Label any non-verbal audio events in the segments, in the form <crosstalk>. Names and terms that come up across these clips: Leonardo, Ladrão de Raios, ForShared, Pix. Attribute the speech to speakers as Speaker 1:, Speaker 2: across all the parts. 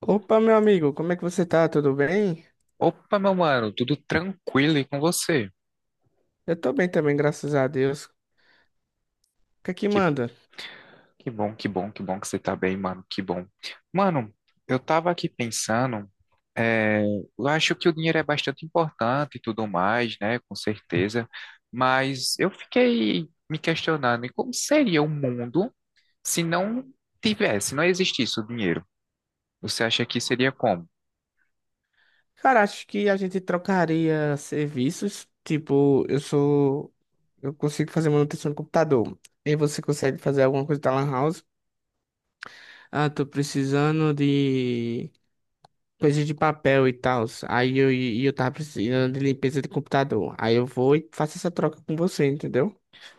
Speaker 1: Opa, meu amigo, como é que você tá? Tudo bem?
Speaker 2: Opa, meu mano, tudo tranquilo aí com você?
Speaker 1: Eu tô bem também, graças a Deus. O que é que
Speaker 2: Que,
Speaker 1: manda?
Speaker 2: que bom, que bom, que bom que você tá bem, mano, que bom. Mano, eu tava aqui pensando, é, eu acho que o dinheiro é bastante importante e tudo mais, né, com certeza, mas eu fiquei me questionando, e como seria o mundo se não se não existisse o dinheiro? Você acha que seria como?
Speaker 1: Cara, acho que a gente trocaria serviços. Tipo, eu sou. Eu consigo fazer manutenção do computador. E você consegue fazer alguma coisa da Lan House? Ah, tô precisando de coisas de papel e tal. E eu tava precisando de limpeza de computador. Aí eu vou e faço essa troca com você, entendeu?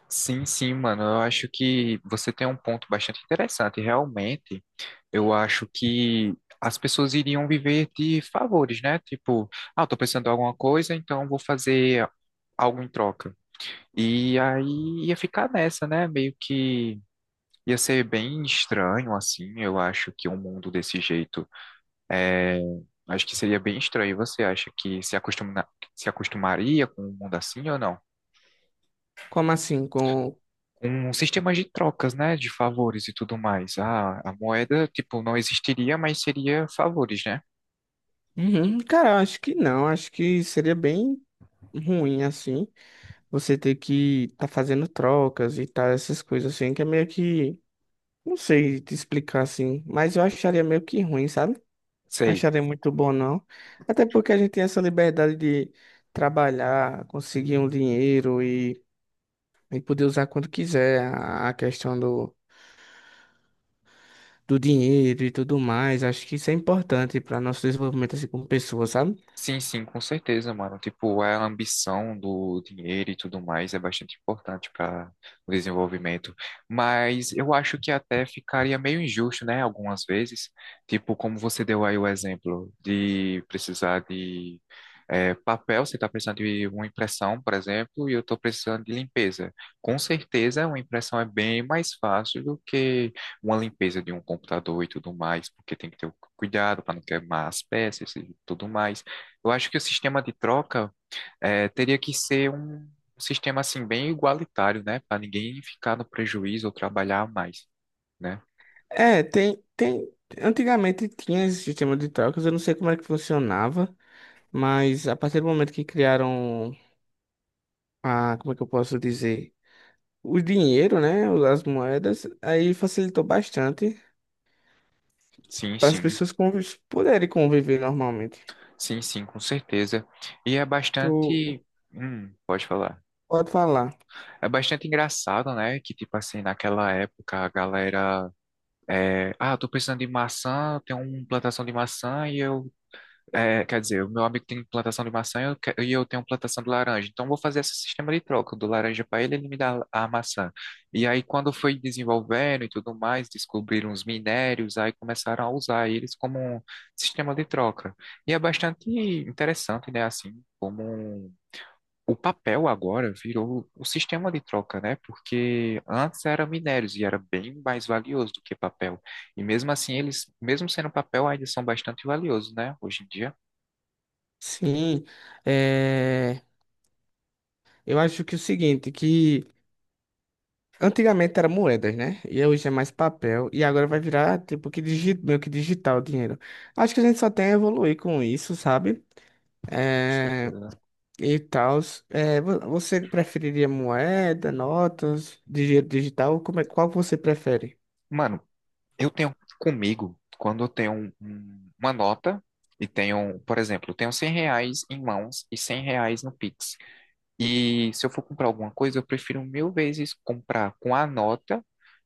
Speaker 2: Sim, sim, mano. Eu acho que você tem um ponto bastante interessante. Realmente, eu acho que as pessoas iriam viver de favores, né? Tipo, ah, eu tô precisando de alguma coisa, então vou fazer algo em troca. E aí ia ficar nessa, né? Meio que ia ser bem estranho, assim. Eu acho que um mundo desse jeito é. Acho que seria bem estranho. Você acha que se acostumaria com um mundo assim ou não?
Speaker 1: Como assim? Com.
Speaker 2: Um sistema de trocas, né, de favores e tudo mais. Ah, a moeda, tipo, não existiria, mas seria favores, né?
Speaker 1: Uhum, cara, eu acho que não. Acho que seria bem ruim assim. Você ter que tá fazendo trocas e tal, essas coisas assim, que é meio que, não sei te explicar assim, mas eu acharia meio que ruim, sabe?
Speaker 2: Sei.
Speaker 1: Acharia muito bom não. Até porque a gente tem essa liberdade de trabalhar, conseguir um dinheiro e poder usar quando quiser a questão do dinheiro e tudo mais. Acho que isso é importante para nosso desenvolvimento assim como pessoa, sabe?
Speaker 2: Sim, sim, com certeza, mano. Tipo, a ambição do dinheiro e tudo mais é bastante importante para o desenvolvimento. Mas eu acho que até ficaria meio injusto, né? Algumas vezes. Tipo, como você deu aí o exemplo de precisar de papel, você está precisando de uma impressão, por exemplo, e eu estou precisando de limpeza. Com certeza, uma impressão é bem mais fácil do que uma limpeza de um computador e tudo mais, porque tem que ter o cuidado para não queimar as peças e tudo mais. Eu acho que o sistema de troca teria que ser um sistema assim bem igualitário, né? Para ninguém ficar no prejuízo ou trabalhar mais, né?
Speaker 1: É, tem. Antigamente tinha esse sistema de trocas, eu não sei como é que funcionava, mas a partir do momento que criaram a, como é que eu posso dizer, o dinheiro, né, as moedas, aí facilitou bastante
Speaker 2: Sim,
Speaker 1: para as
Speaker 2: sim,
Speaker 1: pessoas convi- poderem conviver normalmente.
Speaker 2: sim, sim, com certeza. E é
Speaker 1: Tu
Speaker 2: bastante. Hum, pode falar.
Speaker 1: pode falar.
Speaker 2: É bastante engraçado, né? Que tipo assim naquela época a galera, ah, tô precisando de maçã, tem uma plantação de maçã e eu é, quer dizer, o meu amigo tem plantação de maçã e eu, e eu tenho plantação de laranja. Então, eu vou fazer esse sistema de troca. Eu dou laranja para ele, ele me dá a maçã. E aí, quando foi desenvolvendo e tudo mais, descobriram os minérios, aí começaram a usar eles como um sistema de troca. E é bastante interessante, né? Assim, o papel agora virou o sistema de troca, né? Porque antes era minérios e era bem mais valioso do que papel. E mesmo assim, eles, mesmo sendo papel, ainda são bastante valiosos, né? Hoje em dia.
Speaker 1: Sim, é, eu acho que é o seguinte, que antigamente era moedas, né? E hoje é mais papel. E agora vai virar, tipo, que digi... meio que digital o dinheiro. Acho que a gente só tem a evoluir com isso, sabe?
Speaker 2: Com
Speaker 1: É...
Speaker 2: certeza.
Speaker 1: E tal. Você preferiria moeda, notas, dinheiro digital? Como é... Qual que você prefere?
Speaker 2: Mano, eu tenho comigo, quando eu tenho uma nota e tenho, por exemplo, eu tenho 100 reais em mãos e 100 reais no Pix. E se eu for comprar alguma coisa, eu prefiro mil vezes comprar com a nota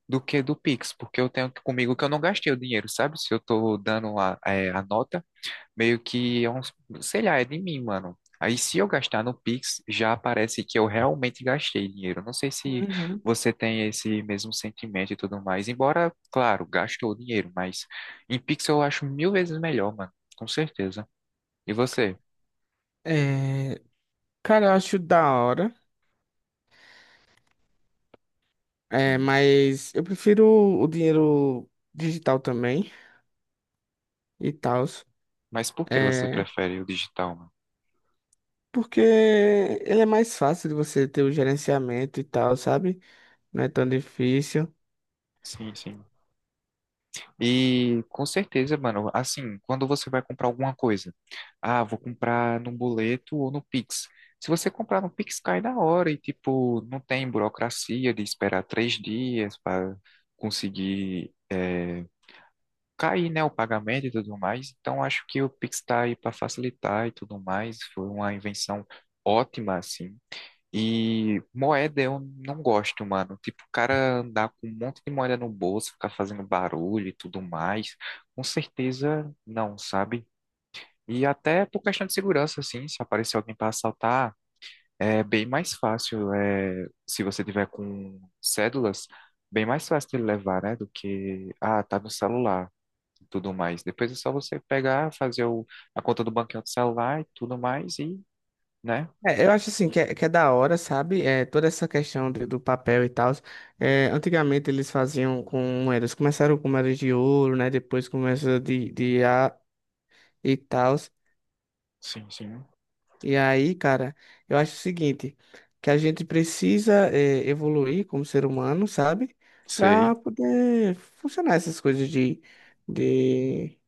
Speaker 2: do que do Pix, porque eu tenho comigo que eu não gastei o dinheiro, sabe? Se eu tô dando a nota, meio que é um, sei lá, é de mim, mano. Aí se eu gastar no Pix, já aparece que eu realmente gastei dinheiro. Não sei se
Speaker 1: Uhum.
Speaker 2: você tem esse mesmo sentimento e tudo mais. Embora, claro, gastou dinheiro, mas em Pix eu acho mil vezes melhor, mano. Com certeza. E você?
Speaker 1: É... Cara, eu acho da hora. É...
Speaker 2: Hum.
Speaker 1: Mas eu prefiro o dinheiro digital também. E tal.
Speaker 2: Mas por que você
Speaker 1: É...
Speaker 2: prefere o digital, mano?
Speaker 1: Porque ele é mais fácil de você ter o gerenciamento e tal, sabe? Não é tão difícil.
Speaker 2: Sim, sim. E com certeza, mano, assim, quando você vai comprar alguma coisa, ah, vou comprar no boleto ou no Pix. Se você comprar no Pix, cai na hora e, tipo, não tem burocracia de esperar 3 dias para conseguir cair, né, o pagamento e tudo mais. Então, acho que o Pix tá aí para facilitar e tudo mais. Foi uma invenção ótima, assim, e moeda eu não gosto, mano. Tipo, o cara andar com um monte de moeda no bolso, ficar fazendo barulho e tudo mais. Com certeza não, sabe? E até por questão de segurança, assim, se aparecer alguém para assaltar, é bem mais fácil. É, se você tiver com cédulas, bem mais fácil de levar, né? Do que, ah, tá no celular e tudo mais. Depois é só você pegar, fazer o, a conta do banco do celular e tudo mais e, né?
Speaker 1: É, eu acho assim que é da hora, sabe? É, toda essa questão de- do papel e tal. Antigamente eles faziam com moedas. Começaram com moedas de ouro, né? Depois começou de A e tal.
Speaker 2: Sim, sim.
Speaker 1: E aí, cara, eu acho o seguinte, que a gente precisa é, evoluir como ser humano, sabe?
Speaker 2: Sei.
Speaker 1: Pra poder funcionar essas coisas de,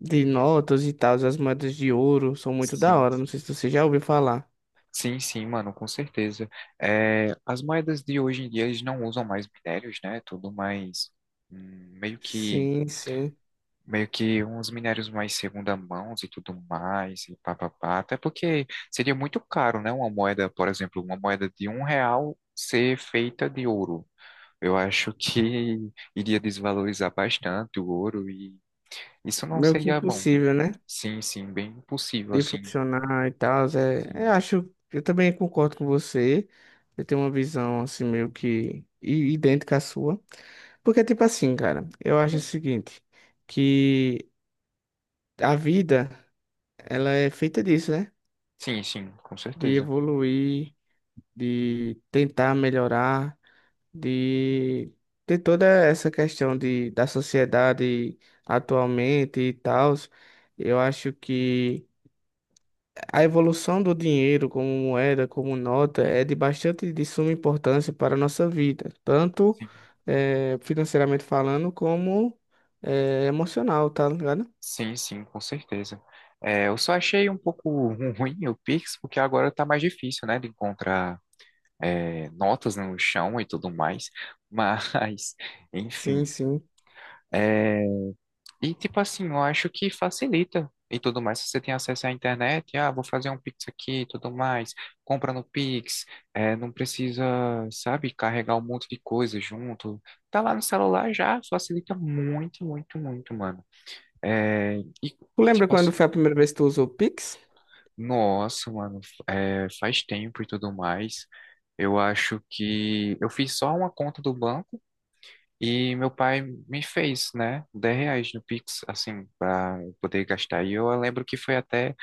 Speaker 1: de notas e tal. As moedas de ouro são muito da
Speaker 2: Sim.
Speaker 1: hora. Não sei se você já ouviu falar.
Speaker 2: Sim, sim, mano, com certeza. É, as moedas de hoje em dia, eles não usam mais minérios, né? Tudo mais, hum, meio que,
Speaker 1: Sim, sim.
Speaker 2: meio que uns minérios mais segunda mão e tudo mais, e papapá. Até porque seria muito caro, né? Uma moeda, por exemplo, uma moeda de 1 real ser feita de ouro. Eu acho que <laughs> iria desvalorizar bastante o ouro e isso não
Speaker 1: Meio que
Speaker 2: seria bom, né?
Speaker 1: impossível, né?
Speaker 2: Sim, sim, bem possível,
Speaker 1: De
Speaker 2: assim.
Speaker 1: funcionar e tal. É, eu
Speaker 2: Sim,
Speaker 1: acho, eu também concordo com você. Eu tenho uma visão assim meio que i- idêntica à sua. Porque, tipo assim, cara, eu acho o seguinte, que a vida, ela é feita disso, né?
Speaker 2: sim, sim, com
Speaker 1: De
Speaker 2: certeza.
Speaker 1: evoluir, de tentar melhorar, de ter toda essa questão de, da sociedade atualmente e tal. Eu acho que a evolução do dinheiro como moeda, como nota, é de bastante de suma importância para a nossa vida, tanto financeiramente falando, como emocional, tá ligado?
Speaker 2: Sim, sim, com certeza. Eu só achei um pouco ruim o Pix, porque agora tá mais difícil, né, de encontrar notas no chão e tudo mais. Mas, <laughs>
Speaker 1: Sim,
Speaker 2: enfim.
Speaker 1: sim.
Speaker 2: É, e, tipo assim, eu acho que facilita e tudo mais. Se você tem acesso à internet, ah, vou fazer um Pix aqui e tudo mais, compra no Pix, é, não precisa, sabe, carregar um monte de coisa junto. Tá lá no celular já, facilita muito, muito, muito, mano. E,
Speaker 1: Tu lembra
Speaker 2: tipo
Speaker 1: quando
Speaker 2: assim,
Speaker 1: foi a primeira vez que tu usou o Pix?
Speaker 2: Nossa, mano, faz tempo e tudo mais. Eu acho que eu fiz só uma conta do banco e meu pai me fez, né, 10 reais no Pix, assim, para poder gastar. E eu lembro que foi até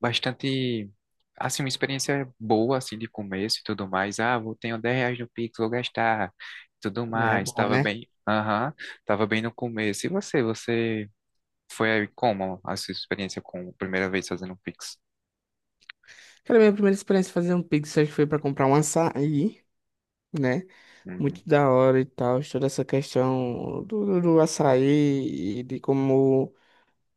Speaker 2: bastante, assim, uma experiência boa, assim, de começo e tudo mais. Ah, vou tenho 10 reais no Pix, vou gastar, tudo
Speaker 1: É
Speaker 2: mais.
Speaker 1: bom,
Speaker 2: Tava
Speaker 1: né?
Speaker 2: bem, aham, tava bem no começo. E você, você foi como a sua experiência com a primeira vez fazendo Pix?
Speaker 1: Aquela minha primeira experiência fazer um Pix, acho que foi para comprar um açaí, né?
Speaker 2: Uhum.
Speaker 1: Muito da hora e tal, toda essa questão do, do açaí e de como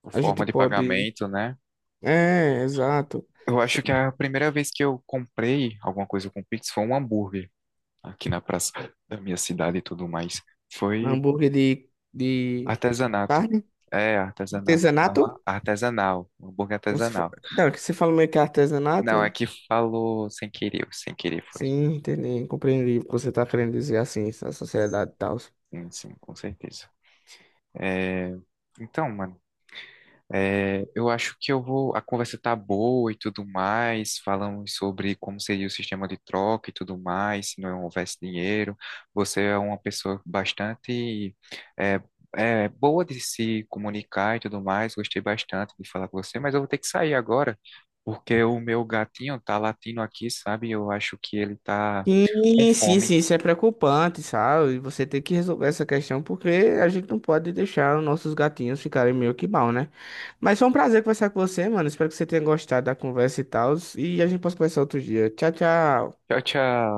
Speaker 2: Por
Speaker 1: a gente
Speaker 2: forma de
Speaker 1: pode.
Speaker 2: pagamento, né?
Speaker 1: É, exato.
Speaker 2: Eu acho que a primeira vez que eu comprei alguma coisa com Pix foi um hambúrguer aqui na praça da minha cidade e tudo mais. Foi
Speaker 1: Hambúrguer de
Speaker 2: artesanato.
Speaker 1: carne?
Speaker 2: É, artesanal.
Speaker 1: Artesanato?
Speaker 2: Aham, artesanal, um hambúrguer
Speaker 1: Você, fa-
Speaker 2: artesanal.
Speaker 1: não, é que você fala meio que artesanato,
Speaker 2: Não, é
Speaker 1: hein?
Speaker 2: que falou sem querer, sem querer foi.
Speaker 1: Sim, entendi. Compreendi o que você tá querendo dizer assim, essa sociedade e tal.
Speaker 2: Sim, sim, com certeza. É, Então, mano. Eu acho que eu vou. A conversa tá boa e tudo mais. Falamos sobre como seria o sistema de troca e tudo mais, se não houvesse dinheiro. Você é uma pessoa bastante é, boa de se comunicar e tudo mais. Gostei bastante de falar com você, mas eu vou ter que sair agora, porque o meu gatinho tá latindo aqui, sabe? Eu acho que ele tá
Speaker 1: Sim,
Speaker 2: com
Speaker 1: sim,
Speaker 2: fome.
Speaker 1: sim, isso é preocupante, sabe? Você tem que resolver essa questão porque a gente não pode deixar os nossos gatinhos ficarem meio que mal, né? Mas foi um prazer conversar com você, mano. Espero que você tenha gostado da conversa e tal. E a gente possa conversar outro dia. Tchau, tchau.
Speaker 2: Tchau, tchau.